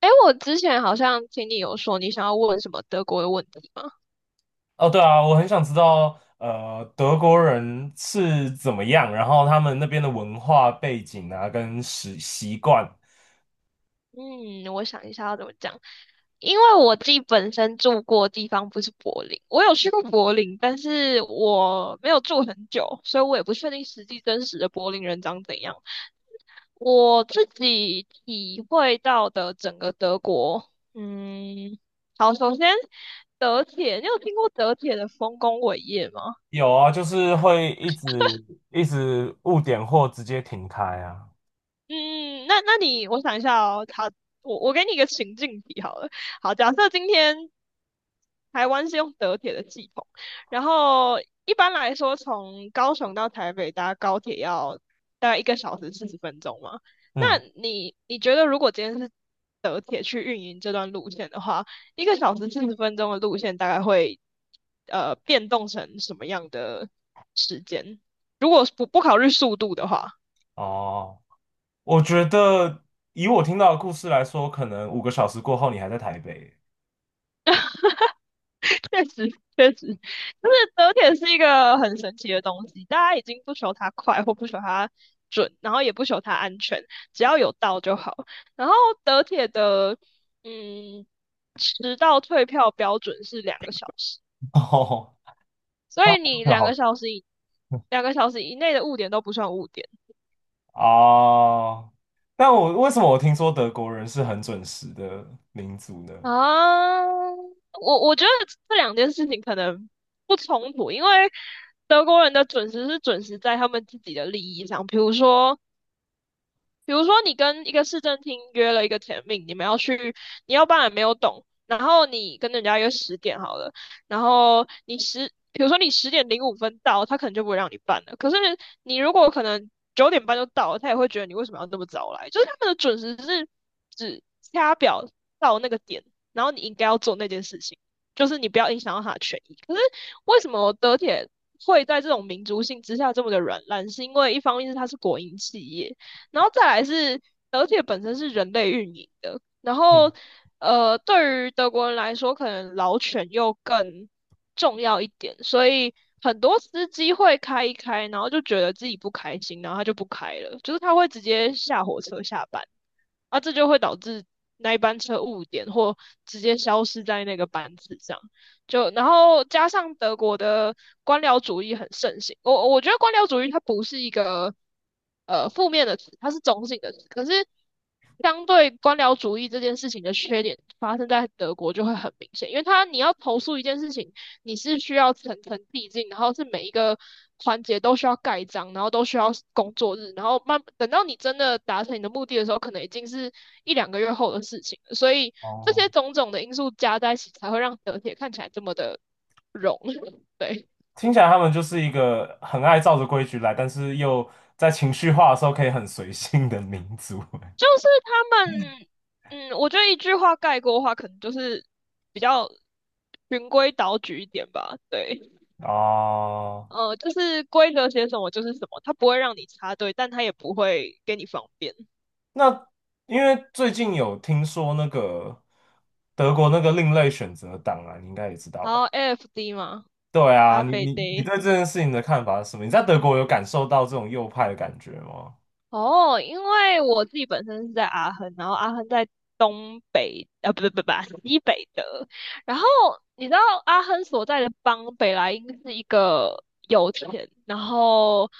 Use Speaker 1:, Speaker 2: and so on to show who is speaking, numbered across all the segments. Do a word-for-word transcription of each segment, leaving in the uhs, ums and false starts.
Speaker 1: 哎，我之前好像听你有说你想要问什么德国的问题吗？
Speaker 2: 哦，对啊，我很想知道，呃，德国人是怎么样，然后他们那边的文化背景啊，跟习习惯，
Speaker 1: 嗯，我想一下要怎么讲。因为我自己本身住过的地方不是柏林，我有去过柏林，但是我没有住很久，所以我也不确定实际真实的柏林人长怎样。我自己体会到的整个德国，嗯，好，首先德铁，你有听过德铁的丰功伟业吗？
Speaker 2: 有啊，就是会一直一直误点或直接停开啊。
Speaker 1: 嗯，那那你，我想一下哦，好，我我给你一个情境题好了。好，假设今天台湾是用德铁的系统，然后一般来说从高雄到台北搭高铁要大概一个小时四十分钟嘛。那
Speaker 2: 嗯，
Speaker 1: 你你觉得如果今天是德铁去运营这段路线的话，一个小时四十分钟的路线大概会呃变动成什么样的时间？如果不不考虑速度的话。
Speaker 2: 哦，我觉得以我听到的故事来说，可能五个小时过后你还在台北。
Speaker 1: 确实，确实，就是德铁是一个很神奇的东西，大家已经不求它快或不求它准，然后也不求它安全，只要有到就好。然后德铁的嗯迟到退票标准是两个小时，
Speaker 2: 哦，
Speaker 1: 所以你
Speaker 2: 那
Speaker 1: 两
Speaker 2: 好。
Speaker 1: 个小时以两个小时以内的误点都不算误点
Speaker 2: 哦，但我为什么我听说德国人是很准时的民族呢？
Speaker 1: 啊。我我觉得这两件事情可能不冲突，因为德国人的准时是准时在他们自己的利益上，比如说。比如说，你跟一个市政厅约了一个 t 命，你们要去，你要办也没有懂，然后你跟人家约十点好了，然后你十，比如说你十点零五分到，他可能就不会让你办了。可是你如果可能九点半就到了，他也会觉得你为什么要那么早来？就是他们的准时是只掐表到那个点，然后你应该要做那件事情，就是你不要影响到他的权益。可是为什么德铁会在这种民族性之下这么的软烂？是因为一方面是它是国营企业。然后再来是而且本身是人类运营的，然
Speaker 2: 嗯，
Speaker 1: 后呃，对于德国人来说，可能老犬又更重要一点，所以很多司机会开一开，然后就觉得自己不开心，然后他就不开了，就是他会直接下火车下班。啊，这就会导致那一班车误点或直接消失在那个班次上。就然后加上德国的官僚主义很盛行，我我觉得官僚主义它不是一个呃负面的词，它是中性的词。可是相对官僚主义这件事情的缺点发生在德国就会很明显，因为它你要投诉一件事情，你是需要层层递进，然后是每一个环节都需要盖章，然后都需要工作日，然后慢等到你真的达成你的目的的时候，可能已经是一两个月后的事情了。所以这
Speaker 2: 哦。
Speaker 1: 些种种的因素加在一起，才会让德铁看起来这么的融。对，
Speaker 2: 听起来他们就是一个很爱照着规矩来，但是又在情绪化的时候可以很随性的民族。
Speaker 1: 就是他们，嗯，我觉得一句话概括的话，可能就是比较循规蹈矩一点吧。对，
Speaker 2: 哦，
Speaker 1: 呃，就是规则写什么就是什么，它不会让你插队，但它也不会给你方便。
Speaker 2: 那因为最近有听说那个德国那个另类选择党啊，你应该也知道
Speaker 1: 然
Speaker 2: 吧？
Speaker 1: 后 A F D 嘛，
Speaker 2: 对啊，
Speaker 1: 咖
Speaker 2: 你
Speaker 1: 啡
Speaker 2: 你你
Speaker 1: day。
Speaker 2: 对这件事情的看法是什么？你在德国有感受到这种右派的感觉吗？
Speaker 1: 哦，因为我自己本身是在阿亨，然后阿亨在东北，啊，不对不对不 西北的。然后你知道阿亨所在的邦北莱茵是一个油田，然后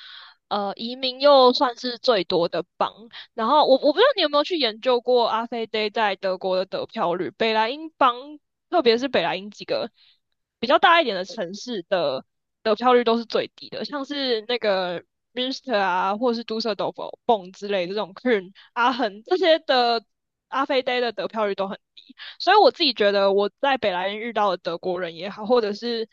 Speaker 1: 呃移民又算是最多的邦。然后我我不知道你有没有去研究过阿飞 d 在德国的得票率，北莱茵邦，特别是北莱茵几个比较大一点的城市的。得票率都是最低的，像是那个 Minster 啊，或者是 Düsseldorf、Bonn 之类的这种 Köln、阿恒这些的阿飞 Day 的得票率都很低，所以我自己觉得我在北莱茵遇到的德国人也好，或者是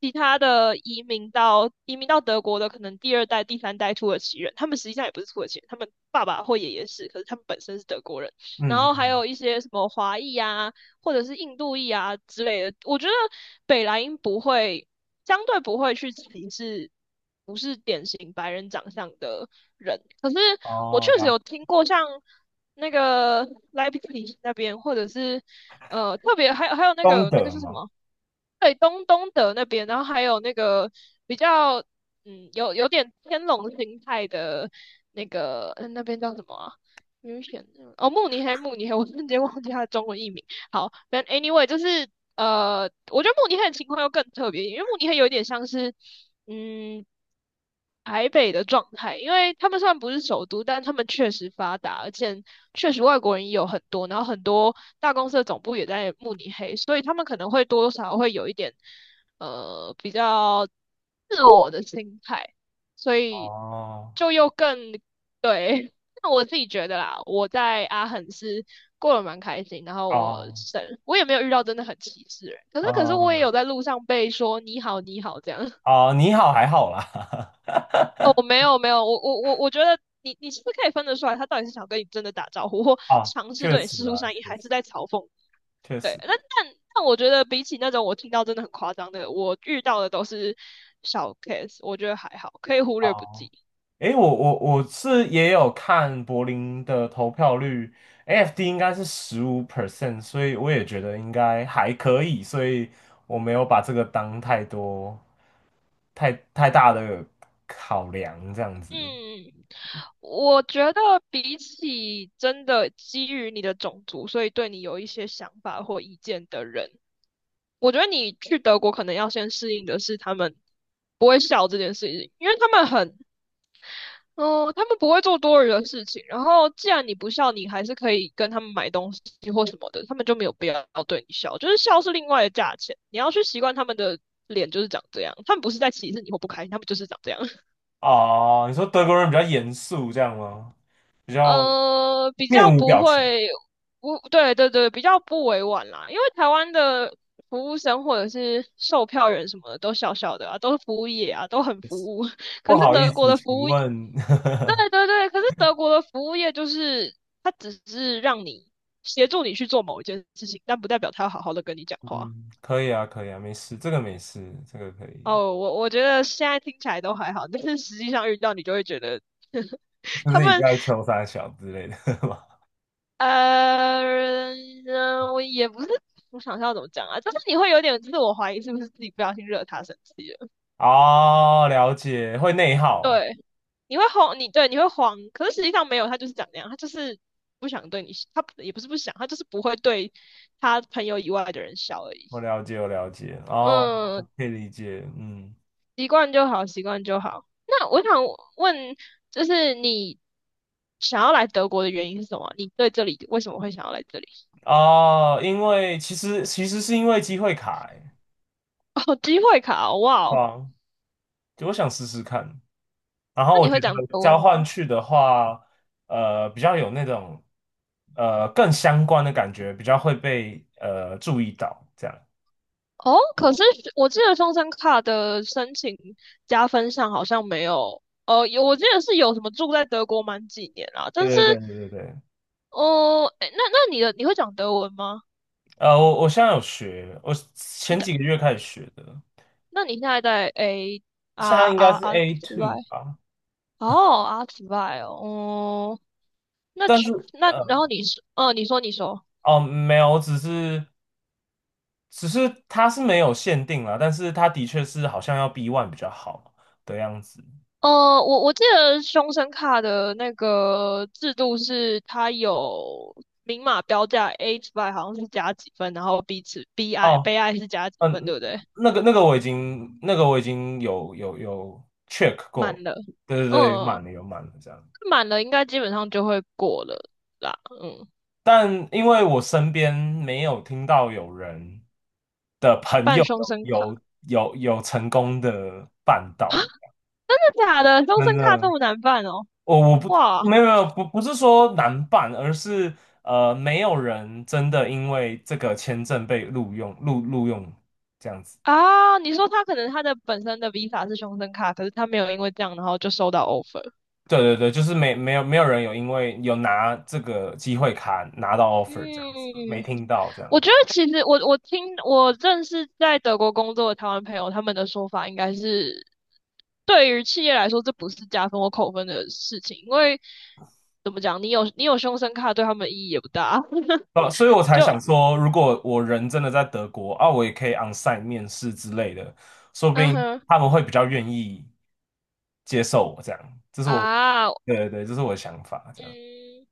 Speaker 1: 其他的移民到移民到德国的，可能第二代、第三代土耳其人，他们实际上也不是土耳其人，他们爸爸或爷爷是，可是他们本身是德国人。然
Speaker 2: 嗯，
Speaker 1: 后还
Speaker 2: 嗯
Speaker 1: 有一些什么华裔啊，或者是印度裔啊之类的。我觉得北莱茵不会，相对不会去歧视不是典型白人长相的人。可是我
Speaker 2: 哦，
Speaker 1: 确实
Speaker 2: 了
Speaker 1: 有听过像那个莱比锡那边，或者是呃特别还有还有那
Speaker 2: 东
Speaker 1: 个那个
Speaker 2: 德
Speaker 1: 是什
Speaker 2: 嘛，
Speaker 1: 么？对，东东德那边，然后还有那个比较，嗯，有有点天龙心态的那个，嗯那边叫什么啊？明显哦，慕尼黑，慕尼黑，我瞬间忘记它的中文译名。好，但 anyway，就是呃，我觉得慕尼黑的情况又更特别，因为慕尼黑有点像是，嗯。台北的状态，因为他们虽然不是首都，但他们确实发达，而且确实外国人也有很多，然后很多大公司的总部也在慕尼黑，所以他们可能会多多少少会有一点呃比较自我的心态，所以
Speaker 2: 哦
Speaker 1: 就又更对。那我自己觉得啦，我在阿肯是过得蛮开心，然后我
Speaker 2: 哦，
Speaker 1: 省我也没有遇到真的很歧视的人，可是可是
Speaker 2: 哦
Speaker 1: 我也有在路上被说你好你好这样。
Speaker 2: 哦，你好还好啦。
Speaker 1: 哦，没有没有，我我我我觉得你你是不是可以分得出来，他到底是想跟你真的打招呼，或
Speaker 2: 啊，
Speaker 1: 尝试
Speaker 2: 确
Speaker 1: 对你
Speaker 2: 实
Speaker 1: 示出
Speaker 2: 啊，
Speaker 1: 善意，
Speaker 2: 确
Speaker 1: 还
Speaker 2: 实。
Speaker 1: 是在嘲讽你
Speaker 2: 确
Speaker 1: 对，
Speaker 2: 实。
Speaker 1: 那但但我觉得比起那种我听到真的很夸张的，我遇到的都是小 case，我觉得还好，可以忽略不
Speaker 2: 哦，
Speaker 1: 计。
Speaker 2: 诶，我我我是也有看柏林的投票率，A F D 应该是十五 percent，所以我也觉得应该还可以，所以我没有把这个当太多太太大的考量这样子。
Speaker 1: 嗯，我觉得比起真的基于你的种族，所以对你有一些想法或意见的人，我觉得你去德国可能要先适应的是他们不会笑这件事情，因为他们很哦，他们不会做多余的事情。然后，既然你不笑，你还是可以跟他们买东西或什么的，他们就没有必要对你笑。就是笑是另外的价钱，你要去习惯他们的脸就是长这样。他们不是在歧视你或不开心，他们就是长这样。
Speaker 2: 哦，你说德国人比较严肃这样吗？比较
Speaker 1: 呃，比较
Speaker 2: 面无
Speaker 1: 不
Speaker 2: 表情。
Speaker 1: 会，不，对对对，比较不委婉啦。因为台湾的服务生或者是售票员什么的都笑笑的啊，都是服务业啊，都很服务。
Speaker 2: 不
Speaker 1: 可是
Speaker 2: 好意
Speaker 1: 德国
Speaker 2: 思，
Speaker 1: 的服
Speaker 2: 请
Speaker 1: 务
Speaker 2: 问，
Speaker 1: 对对对，可是德国的服务业就是它只是让你协助你去做某一件事情，但不代表他要好好的跟你讲 话。
Speaker 2: 嗯，可以啊，可以啊，没事，这个没事，这个可以，
Speaker 1: 哦，我我觉得现在听起来都还好，但是实际上遇到你就会觉得
Speaker 2: 就
Speaker 1: 他
Speaker 2: 是你
Speaker 1: 们
Speaker 2: 在求三小之类的
Speaker 1: 呃，嗯我也不是，我想一下要怎么讲啊，就是你会有点自我怀疑，是不是自己不小心惹他生气了？
Speaker 2: 哦，了解，会内耗，
Speaker 1: 对。你会慌，你对你会慌，可是实际上没有，他就是长那样，他就是不想对你，他也不是不想，他就是不会对他朋友以外的人笑而已。
Speaker 2: 我了解，我了解，哦，
Speaker 1: 嗯，
Speaker 2: 可以理解，嗯，
Speaker 1: 习惯就好，习惯就好。那我想问，就是你想要来德国的原因是什么？你对这里为什么会想要来这里？
Speaker 2: 哦，因为其实其实是因为机会卡，欸
Speaker 1: 哦，机会卡哦，哇
Speaker 2: 对
Speaker 1: 哦
Speaker 2: 啊，就我想试试看，然后
Speaker 1: 那
Speaker 2: 我
Speaker 1: 你
Speaker 2: 觉
Speaker 1: 会讲
Speaker 2: 得
Speaker 1: 德文
Speaker 2: 交
Speaker 1: 吗？
Speaker 2: 换去的话，呃，比较有那种呃更相关的感觉，比较会被呃注意到，这样，
Speaker 1: 哦，可是我记得双生卡的申请加分上好像没有。哦，有我记得是有什么住在德国满几年啊，但是
Speaker 2: 对对对对对对。
Speaker 1: 哦，诶，那那你的你会讲德文吗？
Speaker 2: 呃，我我现在有学，我
Speaker 1: 你
Speaker 2: 前
Speaker 1: 的
Speaker 2: 几个月开始学的，
Speaker 1: 那你现在在诶
Speaker 2: 现在
Speaker 1: 啊
Speaker 2: 应该
Speaker 1: 啊
Speaker 2: 是
Speaker 1: 啊
Speaker 2: A
Speaker 1: 之外，
Speaker 2: two 吧，
Speaker 1: 哦啊之外哦，哦，那
Speaker 2: 但
Speaker 1: 去
Speaker 2: 是。
Speaker 1: 那然
Speaker 2: 呃。
Speaker 1: 后你说，呃，你说你说，
Speaker 2: 哦，没有，只是只是它是没有限定啦，但是它的确是好像要 B one 比较好的样子。
Speaker 1: 呃，我我记得凶神卡的那个制度是它有明码标价，A 之外好像是加几分，然后 B 次 B I
Speaker 2: 哦，
Speaker 1: 悲哀是加几分，对
Speaker 2: 嗯，
Speaker 1: 不对？
Speaker 2: 那个那个我已经那个我已经有有有 check 过，
Speaker 1: 满了，
Speaker 2: 对对对，
Speaker 1: 嗯，
Speaker 2: 满了有满了这样。
Speaker 1: 满了应该基本上就会过了啦，嗯，
Speaker 2: 但因为我身边没有听到有人的朋
Speaker 1: 办
Speaker 2: 友
Speaker 1: 凶神卡。
Speaker 2: 有有有有成功的办到，
Speaker 1: 真的假的？终身
Speaker 2: 真
Speaker 1: 卡这
Speaker 2: 的。
Speaker 1: 么难办哦？
Speaker 2: 我我不
Speaker 1: 哇
Speaker 2: 没有没有不不是说难办，而是呃没有人真的因为这个签证被录用录录用这样子。
Speaker 1: 啊！你说他可能他的本身的 Visa 是终身卡，可是他没有因为这样，然后就收到 offer。
Speaker 2: 对对对，就是没没有没有人有因为有拿这个机会卡拿到 offer 这样子，没
Speaker 1: 嗯，
Speaker 2: 听到这
Speaker 1: 我
Speaker 2: 样。
Speaker 1: 觉得其实我我听我认识在德国工作的台湾朋友，他们的说法应该是，对于企业来说，这不是加分或扣分的事情，因为怎么讲，你有你有终身卡对他们意义也不大。
Speaker 2: 呃，所以我才
Speaker 1: 就
Speaker 2: 想说，如果我人真的在德国啊，我也可以 onsite 面试之类的，说不
Speaker 1: 嗯
Speaker 2: 定
Speaker 1: 哼
Speaker 2: 他们会比较愿意接受我这样。这是我，
Speaker 1: 啊，
Speaker 2: 对对对，这是我的想法这样。
Speaker 1: 嗯，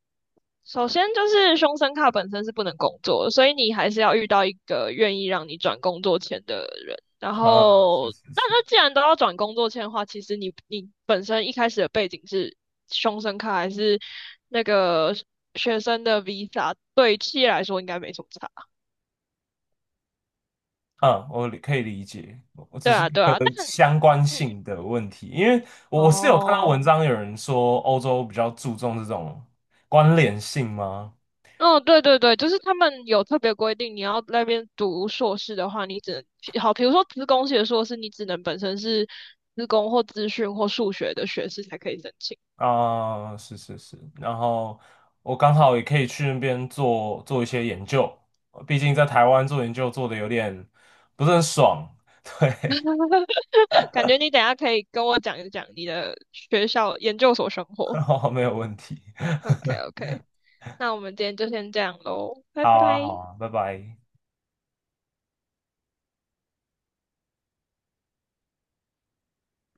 Speaker 1: 首先就是凶生卡本身是不能工作所以你还是要遇到一个愿意让你转工作签的人。然
Speaker 2: 啊，是
Speaker 1: 后，
Speaker 2: 是
Speaker 1: 那
Speaker 2: 是。
Speaker 1: 那既然都要转工作签的话，其实你你本身一开始的背景是凶生卡还是那个学生的 visa，对企业来说应该没什么差。
Speaker 2: 嗯，我理可以理解，我
Speaker 1: 对
Speaker 2: 只是
Speaker 1: 啊，
Speaker 2: 一
Speaker 1: 对
Speaker 2: 个
Speaker 1: 啊，但
Speaker 2: 相关
Speaker 1: 嗯，
Speaker 2: 性的问题，因为我是有看到
Speaker 1: 哦。
Speaker 2: 文章有人说欧洲比较注重这种关联性吗？
Speaker 1: 嗯，对对对，就是他们有特别规定，你要那边读硕士的话，你只能好，比如说资工系的硕士，你只能本身是资工或资讯或数学的学士才可以申请。
Speaker 2: 啊、是是是，然后我刚好也可以去那边做做一些研究，毕竟在台湾做研究做的有点不是很爽。
Speaker 1: 感觉你等一下可以跟我讲一讲你的学校研究所生活。
Speaker 2: 没有问题。
Speaker 1: OK OK，那我们今天就先这样喽，拜
Speaker 2: 好啊，好
Speaker 1: 拜。
Speaker 2: 啊，拜拜。